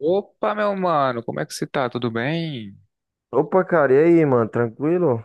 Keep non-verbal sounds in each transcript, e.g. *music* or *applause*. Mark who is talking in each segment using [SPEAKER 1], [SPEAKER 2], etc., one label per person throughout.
[SPEAKER 1] Opa, meu mano, como é que você tá? Tudo bem?
[SPEAKER 2] Opa, cara, e aí, mano? Tranquilo?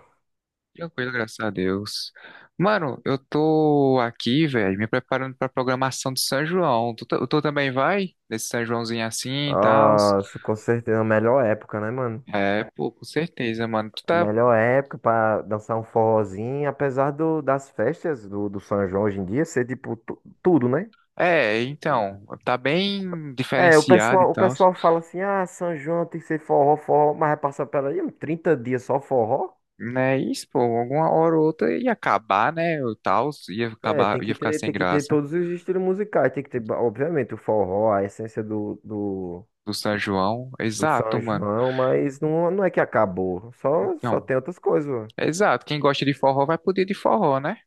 [SPEAKER 1] Tranquilo, graças a Deus. Mano, eu tô aqui, velho, me preparando pra programação de São João. Tu também vai? Nesse São Joãozinho assim e tal?
[SPEAKER 2] Nossa, com certeza, a melhor época, né, mano?
[SPEAKER 1] É, pô, com certeza, mano. Tu
[SPEAKER 2] A
[SPEAKER 1] tá.
[SPEAKER 2] melhor época pra dançar um forrozinho, apesar das festas do São João hoje em dia ser, tipo, tudo, né?
[SPEAKER 1] É, então, tá bem
[SPEAKER 2] É, o
[SPEAKER 1] diferenciado e
[SPEAKER 2] pessoal, o
[SPEAKER 1] tal.
[SPEAKER 2] pessoal fala assim, ah, São João tem que ser forró, forró, mas vai passar pela aí, 30 dias só forró?
[SPEAKER 1] Né? Isso, pô, alguma hora ou outra ia acabar, né? O tal, ia
[SPEAKER 2] É,
[SPEAKER 1] acabar, ia ficar sem
[SPEAKER 2] tem que ter
[SPEAKER 1] graça
[SPEAKER 2] todos os estilos musicais, tem que ter, obviamente, o forró, a essência
[SPEAKER 1] do São João.
[SPEAKER 2] do
[SPEAKER 1] Exato,
[SPEAKER 2] São
[SPEAKER 1] mano.
[SPEAKER 2] João, mas não é que acabou, só
[SPEAKER 1] Então,
[SPEAKER 2] tem outras coisas, mano.
[SPEAKER 1] exato. Quem gosta de forró vai poder de forró, né?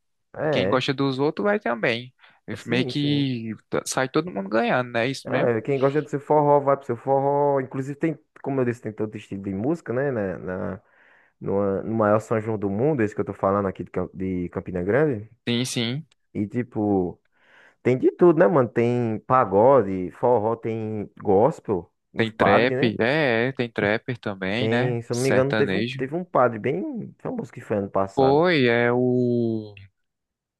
[SPEAKER 1] E quem
[SPEAKER 2] É,
[SPEAKER 1] gosta dos outros vai também.
[SPEAKER 2] é,
[SPEAKER 1] Meio
[SPEAKER 2] sim, sim.
[SPEAKER 1] que sai todo mundo ganhando, né? Isso mesmo?
[SPEAKER 2] É, quem gosta do seu forró, vai pro seu forró. Inclusive tem, como eu disse, tem todo estilo de música, né? No maior São João do mundo, esse que eu tô falando aqui de, de Campina Grande.
[SPEAKER 1] Sim, sim.
[SPEAKER 2] E tipo, tem de tudo, né, mano? Tem pagode, forró, tem gospel,
[SPEAKER 1] Tem
[SPEAKER 2] os padres, né?
[SPEAKER 1] trap. É, tem trapper também, né?
[SPEAKER 2] Tem, se eu não me engano,
[SPEAKER 1] Sertanejo.
[SPEAKER 2] teve um padre bem famoso que foi ano passado.
[SPEAKER 1] Foi, é o.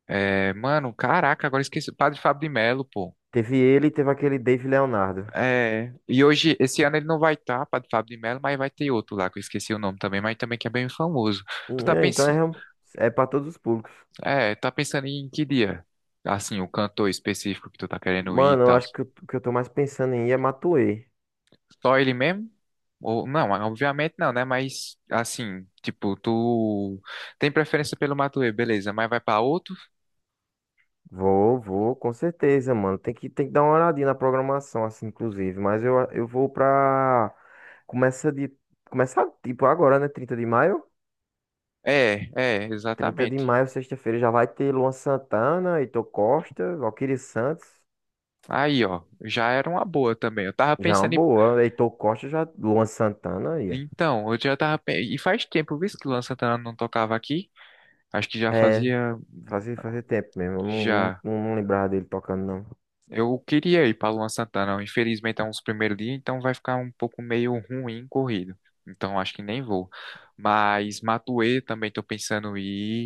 [SPEAKER 1] É, mano, caraca, agora esqueci. Padre Fábio de Melo, pô.
[SPEAKER 2] Teve ele e teve aquele Dave Leonardo.
[SPEAKER 1] É. E hoje, esse ano ele não vai estar, Padre Fábio de Melo, mas vai ter outro lá, que eu esqueci o nome também, mas também que é bem famoso.
[SPEAKER 2] E,
[SPEAKER 1] Tu tá
[SPEAKER 2] é, então
[SPEAKER 1] pensando.
[SPEAKER 2] é para todos os públicos.
[SPEAKER 1] É, tá pensando em que dia? Assim, o cantor específico que tu tá querendo ir e
[SPEAKER 2] Mano, eu
[SPEAKER 1] tal.
[SPEAKER 2] acho que o que eu tô mais pensando em ir é Matuê.
[SPEAKER 1] Só ele mesmo? Ou, não, obviamente não, né? Mas assim, tipo, tu tem preferência pelo Matuê, beleza, mas vai pra outro?
[SPEAKER 2] Vou, com certeza, mano. Tem que dar uma olhadinha na programação, assim, inclusive. Mas eu vou pra. Começa de. Começar, tipo, agora, né? 30 de maio.
[SPEAKER 1] É,
[SPEAKER 2] trinta de
[SPEAKER 1] exatamente.
[SPEAKER 2] maio, sexta-feira, já vai ter Luan Santana, Heitor Costa, Valquíria Santos.
[SPEAKER 1] Aí, ó, já era uma boa também. Eu tava
[SPEAKER 2] Já é uma
[SPEAKER 1] pensando em.
[SPEAKER 2] boa. Heitor Costa, já. Luan Santana aí, ó.
[SPEAKER 1] Então, eu já tava. E faz tempo, viu, que o Luan Santana não tocava aqui? Acho que já
[SPEAKER 2] É,
[SPEAKER 1] fazia.
[SPEAKER 2] fazia tempo mesmo. Eu não, não,
[SPEAKER 1] Já.
[SPEAKER 2] não não lembrava dele tocando, não.
[SPEAKER 1] Eu queria ir para Luan Santana, infelizmente é um dos primeiros dias, então vai ficar um pouco meio ruim corrido. Então acho que nem vou. Mas Matuê também estou pensando em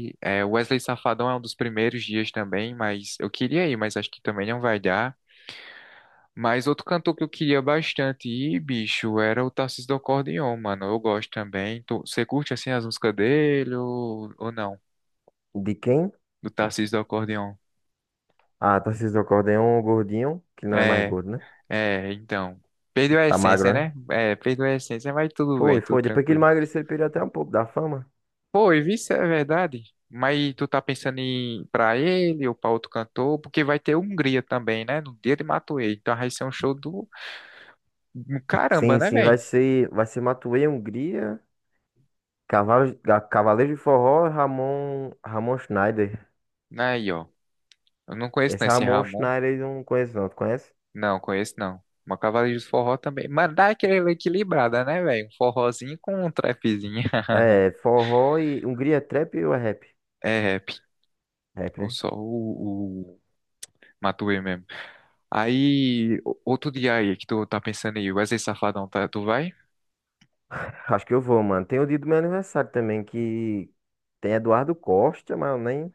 [SPEAKER 1] ir. É, Wesley Safadão é um dos primeiros dias também, mas eu queria ir, mas acho que também não vai dar. Mas outro cantor que eu queria bastante ir, bicho, era o Tarcísio do Acordeon, mano. Eu gosto também. Você curte assim as músicas dele ou não?
[SPEAKER 2] De quem?
[SPEAKER 1] Do Tarcísio do Acordeon.
[SPEAKER 2] Ah, Tarcísio do Acordeon, o gordinho, que não é mais
[SPEAKER 1] É,
[SPEAKER 2] gordo, né?
[SPEAKER 1] É, então. Perdeu a
[SPEAKER 2] Tá
[SPEAKER 1] essência,
[SPEAKER 2] magro, né?
[SPEAKER 1] né? É, perdeu a essência, mas tudo bem,
[SPEAKER 2] Foi,
[SPEAKER 1] tudo
[SPEAKER 2] foi. Depois que ele
[SPEAKER 1] tranquilo.
[SPEAKER 2] emagreceu, ele perdeu até um pouco da fama.
[SPEAKER 1] Pô, e vice é verdade. Mas tu tá pensando em pra ele ou pra outro cantor? Porque vai ter Hungria também, né? No dia de Matuê. Então vai ser um show do caramba,
[SPEAKER 2] Sim,
[SPEAKER 1] né,
[SPEAKER 2] sim,
[SPEAKER 1] velho?
[SPEAKER 2] vai ser Matuê Hungria, Cavaleiro de Forró, Ramon Schneider.
[SPEAKER 1] Aí, ó. Eu não conheço, né,
[SPEAKER 2] Esse
[SPEAKER 1] esse
[SPEAKER 2] Ramon
[SPEAKER 1] Ramon.
[SPEAKER 2] Schneider eu não conheço não, tu conhece?
[SPEAKER 1] Não, conheço não. Uma Cavaleiros do Forró também. Mas dá aquela equilibrada, né, velho? Um forrozinho com um trapzinho. *laughs*
[SPEAKER 2] É, forró e Hungria é trap ou é rap?
[SPEAKER 1] É rap.
[SPEAKER 2] Rap,
[SPEAKER 1] Ou
[SPEAKER 2] né?
[SPEAKER 1] só o Matuê mesmo. Aí, outro dia aí que tu tá pensando aí, Wesley Safadão, tá, tu vai?
[SPEAKER 2] Acho que eu vou, mano. Tem o dia do meu aniversário também, que tem Eduardo Costa, mas eu nem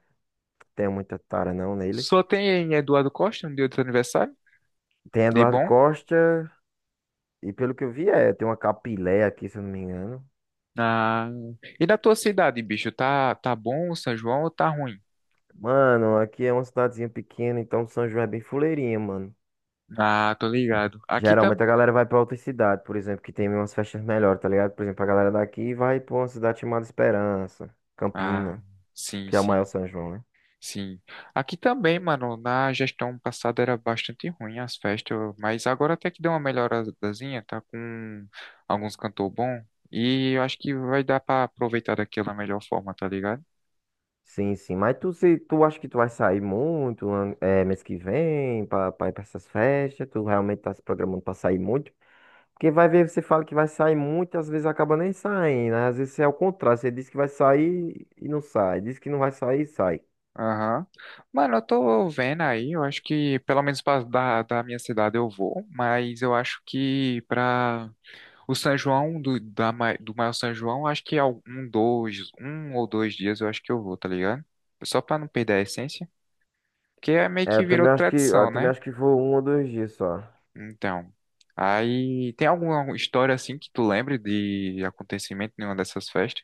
[SPEAKER 2] tenho muita tara não nele.
[SPEAKER 1] Só tem Eduardo Costa no dia do teu aniversário,
[SPEAKER 2] Tem
[SPEAKER 1] de
[SPEAKER 2] Eduardo
[SPEAKER 1] bom.
[SPEAKER 2] Costa, e pelo que eu vi, é, tem uma capilé aqui, se eu não me engano.
[SPEAKER 1] Na. E na tua cidade, bicho, tá bom o São João ou tá ruim?
[SPEAKER 2] Mano, aqui é uma cidadezinha pequena, então São João é bem fuleirinha, mano.
[SPEAKER 1] Ah, tô ligado. Aqui também.
[SPEAKER 2] Geralmente a galera vai pra outra cidade, por exemplo, que tem umas festas melhores, tá ligado? Por exemplo, a galera daqui vai pra uma cidade chamada Esperança,
[SPEAKER 1] Ah,
[SPEAKER 2] Campina,
[SPEAKER 1] sim,
[SPEAKER 2] que é o maior
[SPEAKER 1] sim,
[SPEAKER 2] São João, né?
[SPEAKER 1] sim. Aqui também, mano, na gestão passada era bastante ruim as festas, mas agora até que deu uma melhoradazinha, tá com alguns cantor bom. E eu acho que vai dar pra aproveitar daquela melhor forma, tá ligado?
[SPEAKER 2] Sim, sim. Mas tu, se, tu acha que tu vai sair muito, é, mês que vem, pra ir pra essas festas? Tu realmente tá se programando pra sair muito? Porque vai ver, você fala que vai sair muito, às vezes acaba nem saindo, né? Às vezes é o contrário, você diz que vai sair e não sai, diz que não vai sair e sai.
[SPEAKER 1] Aham. Mano, eu tô vendo aí, eu acho que pelo menos pra, da minha cidade eu vou, mas eu acho que pra o São João, do maior São João, eu acho que é um ou dois dias eu acho que eu vou, tá ligado? Só pra não perder a essência, porque é meio
[SPEAKER 2] É,
[SPEAKER 1] que virou tradição,
[SPEAKER 2] eu também
[SPEAKER 1] né?
[SPEAKER 2] acho que foi um ou dois dias só.
[SPEAKER 1] Então, aí tem alguma história assim que tu lembre de acontecimento em uma dessas festas?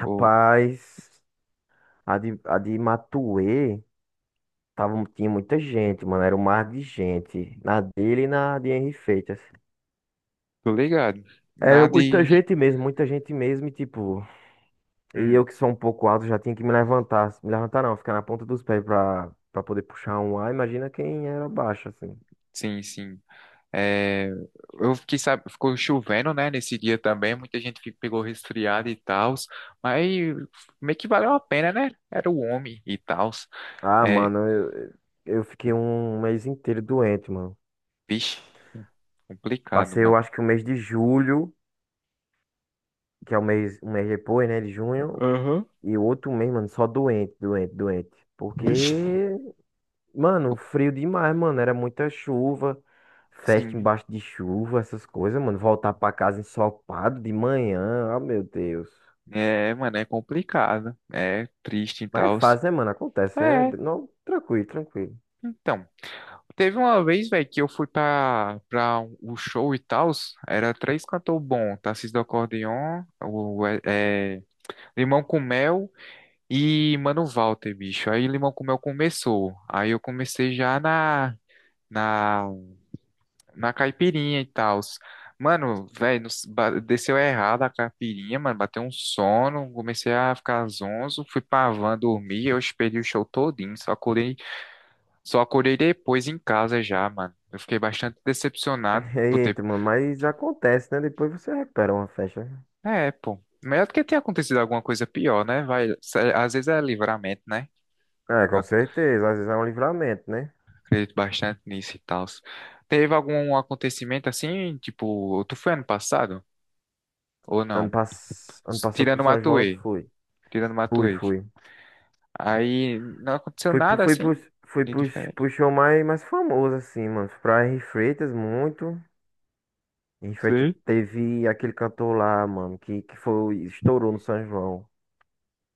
[SPEAKER 1] Ou,
[SPEAKER 2] a de Matuê tava, tinha muita gente, mano. Era um mar de gente. Na dele e na de Henri Feitas.
[SPEAKER 1] tô ligado?
[SPEAKER 2] Era
[SPEAKER 1] Nada
[SPEAKER 2] muita
[SPEAKER 1] de.
[SPEAKER 2] gente mesmo, muita gente mesmo. E tipo, e eu
[SPEAKER 1] Hum,
[SPEAKER 2] que sou um pouco alto já tinha que me levantar. Me levantar não, ficar na ponta dos pés pra poder puxar um ar. Imagina quem era baixo, assim.
[SPEAKER 1] sim, sim. É, eu fiquei, sabe, ficou chovendo, né, nesse dia também, muita gente pegou resfriado e tal, mas meio que valeu a pena, né? Era o homem e tal.
[SPEAKER 2] Ah,
[SPEAKER 1] É,
[SPEAKER 2] eu fiquei um mês inteiro doente, mano.
[SPEAKER 1] vixe, complicado,
[SPEAKER 2] Passei, eu
[SPEAKER 1] mano.
[SPEAKER 2] acho que o mês de julho, que é um mês depois, né, de junho.
[SPEAKER 1] Aham.
[SPEAKER 2] E o outro mês, mano, só doente, doente, doente. Porque,
[SPEAKER 1] Vixe.
[SPEAKER 2] mano, frio demais, mano. Era muita chuva, festa
[SPEAKER 1] Sim,
[SPEAKER 2] embaixo de chuva, essas coisas, mano. Voltar pra casa ensopado de manhã, ah, meu Deus.
[SPEAKER 1] é, mano, é complicado, é triste e
[SPEAKER 2] Mas é
[SPEAKER 1] tal.
[SPEAKER 2] fácil, né, mano? Acontece, é.
[SPEAKER 1] É,
[SPEAKER 2] Não, tranquilo, tranquilo.
[SPEAKER 1] então, teve uma vez, velho, que eu fui pra o show e tal, era três cantor bom, Tarcísio do Acordeon, é, Limão com Mel e, mano, o Walter, bicho. Aí Limão com Mel começou. Aí eu comecei já na, na caipirinha e tal. Mano, velho, desceu errado a caipirinha, mano. Bateu um sono. Comecei a ficar zonzo. Fui pra van dormir. Eu esperei o show todinho. Só acordei, depois em casa já, mano. Eu fiquei bastante decepcionado
[SPEAKER 2] *laughs*
[SPEAKER 1] por ter.
[SPEAKER 2] Eita, mano, mas acontece, né? Depois você recupera uma festa, né?
[SPEAKER 1] É, pô. Melhor do que ter acontecido alguma coisa pior, né? Às vezes é livramento, né?
[SPEAKER 2] É, com certeza. Às vezes é um livramento, né?
[SPEAKER 1] Acredito bastante nisso e tal. Teve algum acontecimento assim, tipo, tu foi ano passado? Ou não?
[SPEAKER 2] Ano passado
[SPEAKER 1] Tirando
[SPEAKER 2] pro
[SPEAKER 1] o
[SPEAKER 2] São João eu
[SPEAKER 1] Matuê.
[SPEAKER 2] fui.
[SPEAKER 1] Tirando o
[SPEAKER 2] Fui,
[SPEAKER 1] Matuê.
[SPEAKER 2] fui.
[SPEAKER 1] Aí não aconteceu
[SPEAKER 2] Foi, pro-
[SPEAKER 1] nada
[SPEAKER 2] foi, pro,
[SPEAKER 1] assim
[SPEAKER 2] foi
[SPEAKER 1] de
[SPEAKER 2] pro,
[SPEAKER 1] diferente.
[SPEAKER 2] Pro show mais famoso, assim, mano. Pra Henri Freitas, muito. Henri Freitas
[SPEAKER 1] Sim.
[SPEAKER 2] teve aquele cantor lá, mano, que foi, estourou no São João.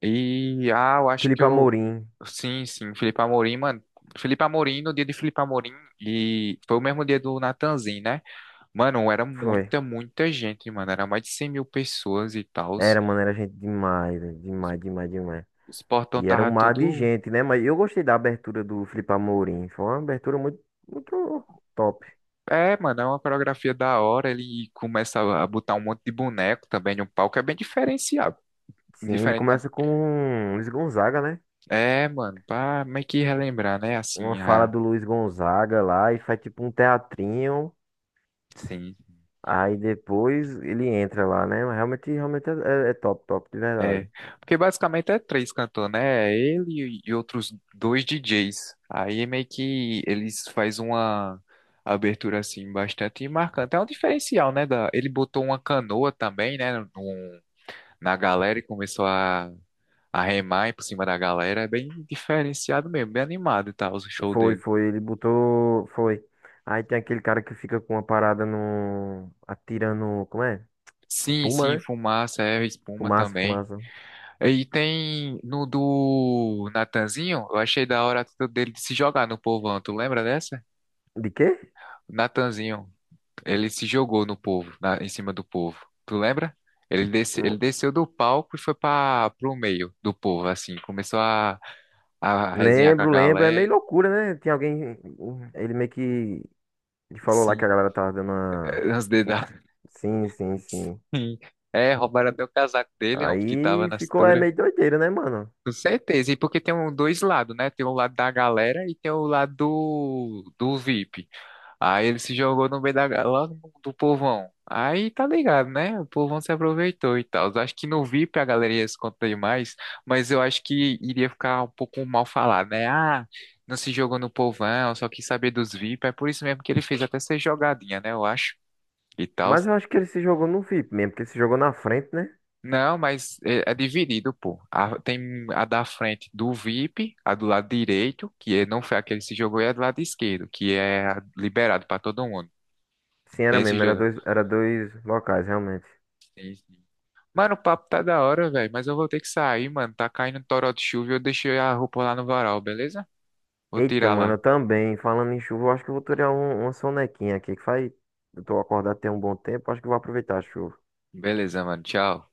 [SPEAKER 1] E, ah, eu acho que
[SPEAKER 2] Felipe
[SPEAKER 1] eu.
[SPEAKER 2] Amorim,
[SPEAKER 1] Sim, sim, Felipe Amorim, mano. Felipe Amorim, no dia de Felipe Amorim, e foi o mesmo dia do Natanzinho, né? Mano, era
[SPEAKER 2] foi.
[SPEAKER 1] muita, muita gente, mano. Era mais de 100 mil pessoas e tal.
[SPEAKER 2] Era, mano, era gente demais, velho, demais, demais, demais.
[SPEAKER 1] Os portão
[SPEAKER 2] E era um
[SPEAKER 1] tava
[SPEAKER 2] mar de
[SPEAKER 1] todo.
[SPEAKER 2] gente, né? Mas eu gostei da abertura do Felipe Amorim. Foi uma abertura muito top.
[SPEAKER 1] É, mano, é uma coreografia da hora. Ele começa a botar um monte de boneco também no palco. É bem diferenciado.
[SPEAKER 2] Sim, ele
[SPEAKER 1] Diferente.
[SPEAKER 2] começa com Luiz Gonzaga, né?
[SPEAKER 1] É, mano, pra meio que relembrar, né?
[SPEAKER 2] Uma
[SPEAKER 1] Assim,
[SPEAKER 2] fala
[SPEAKER 1] a.
[SPEAKER 2] do Luiz Gonzaga lá e faz tipo um teatrinho.
[SPEAKER 1] Sim.
[SPEAKER 2] Aí depois ele entra lá, né? Mas realmente é é top, top, de verdade.
[SPEAKER 1] É. Porque basicamente é três cantores, né? É ele e outros dois DJs. Aí é meio que eles faz uma abertura assim bastante marcante. É um diferencial, né? Ele botou uma canoa também, né? Na galera e começou a arremar por cima da galera. É bem diferenciado mesmo, bem animado tá o show
[SPEAKER 2] Foi,
[SPEAKER 1] dele.
[SPEAKER 2] foi, ele botou, foi. Aí tem aquele cara que fica com uma parada no, atirando, como é?
[SPEAKER 1] Sim,
[SPEAKER 2] Espuma,
[SPEAKER 1] sim,
[SPEAKER 2] né?
[SPEAKER 1] fumaça, é, espuma
[SPEAKER 2] Fumaça,
[SPEAKER 1] também.
[SPEAKER 2] fumaça.
[SPEAKER 1] E tem no do Natanzinho, eu achei da hora a atitude dele de se jogar no povão. Tu lembra dessa?
[SPEAKER 2] De quê?
[SPEAKER 1] O Natanzinho, ele se jogou no povo, em cima do povo. Tu lembra? Ele, desce,
[SPEAKER 2] Hum,
[SPEAKER 1] ele desceu do palco e foi para pro meio do povo, assim. Começou a, resenhar com a
[SPEAKER 2] Lembro, lembro, é meio
[SPEAKER 1] galera,
[SPEAKER 2] loucura, né? Tem alguém, ele meio que, ele falou lá que
[SPEAKER 1] assim,
[SPEAKER 2] a galera tava dando uma...
[SPEAKER 1] os dedos.
[SPEAKER 2] Sim, sim, sim.
[SPEAKER 1] Sim. É, roubaram até o casaco dele, homem, que tava
[SPEAKER 2] Aí
[SPEAKER 1] na
[SPEAKER 2] ficou, é
[SPEAKER 1] cintura.
[SPEAKER 2] meio doideira, né, mano?
[SPEAKER 1] Com certeza. E porque tem dois lados, né? Tem o lado da galera e tem o lado do VIP. Aí ele se jogou no meio da, ga- lá no- do povão. Aí tá ligado, né? O povão se aproveitou e tal. Eu acho que no VIP a galera ia se contar mais, mas eu acho que iria ficar um pouco mal falado, né? Ah, não se jogou no povão, só quis saber dos VIP. É por isso mesmo que ele fez até ser jogadinha, né? Eu acho. E tal.
[SPEAKER 2] Mas eu acho que ele se jogou no VIP mesmo, porque ele se jogou na frente, né?
[SPEAKER 1] Não, mas é dividido, pô. Tem a da frente do VIP, a do lado direito, que não foi aquele que se jogou, e a do lado esquerdo, que é a liberado pra todo mundo.
[SPEAKER 2] Sim, era
[SPEAKER 1] Tem esses
[SPEAKER 2] mesmo,
[SPEAKER 1] dois, né?
[SPEAKER 2] era dois locais, realmente.
[SPEAKER 1] Sim, sim. Mano, o papo tá da hora, velho, mas eu vou ter que sair, mano. Tá caindo um toró de chuva e eu deixei a roupa lá no varal, beleza? Vou
[SPEAKER 2] Eita,
[SPEAKER 1] tirar
[SPEAKER 2] mano,
[SPEAKER 1] lá.
[SPEAKER 2] eu também, falando em chuva, eu acho que eu vou tirar um, uma sonequinha aqui, que faz. Eu tô acordado tem um bom tempo, acho que eu vou aproveitar a chuva.
[SPEAKER 1] Beleza, mano. Tchau.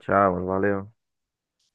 [SPEAKER 2] Tchau, mano, valeu.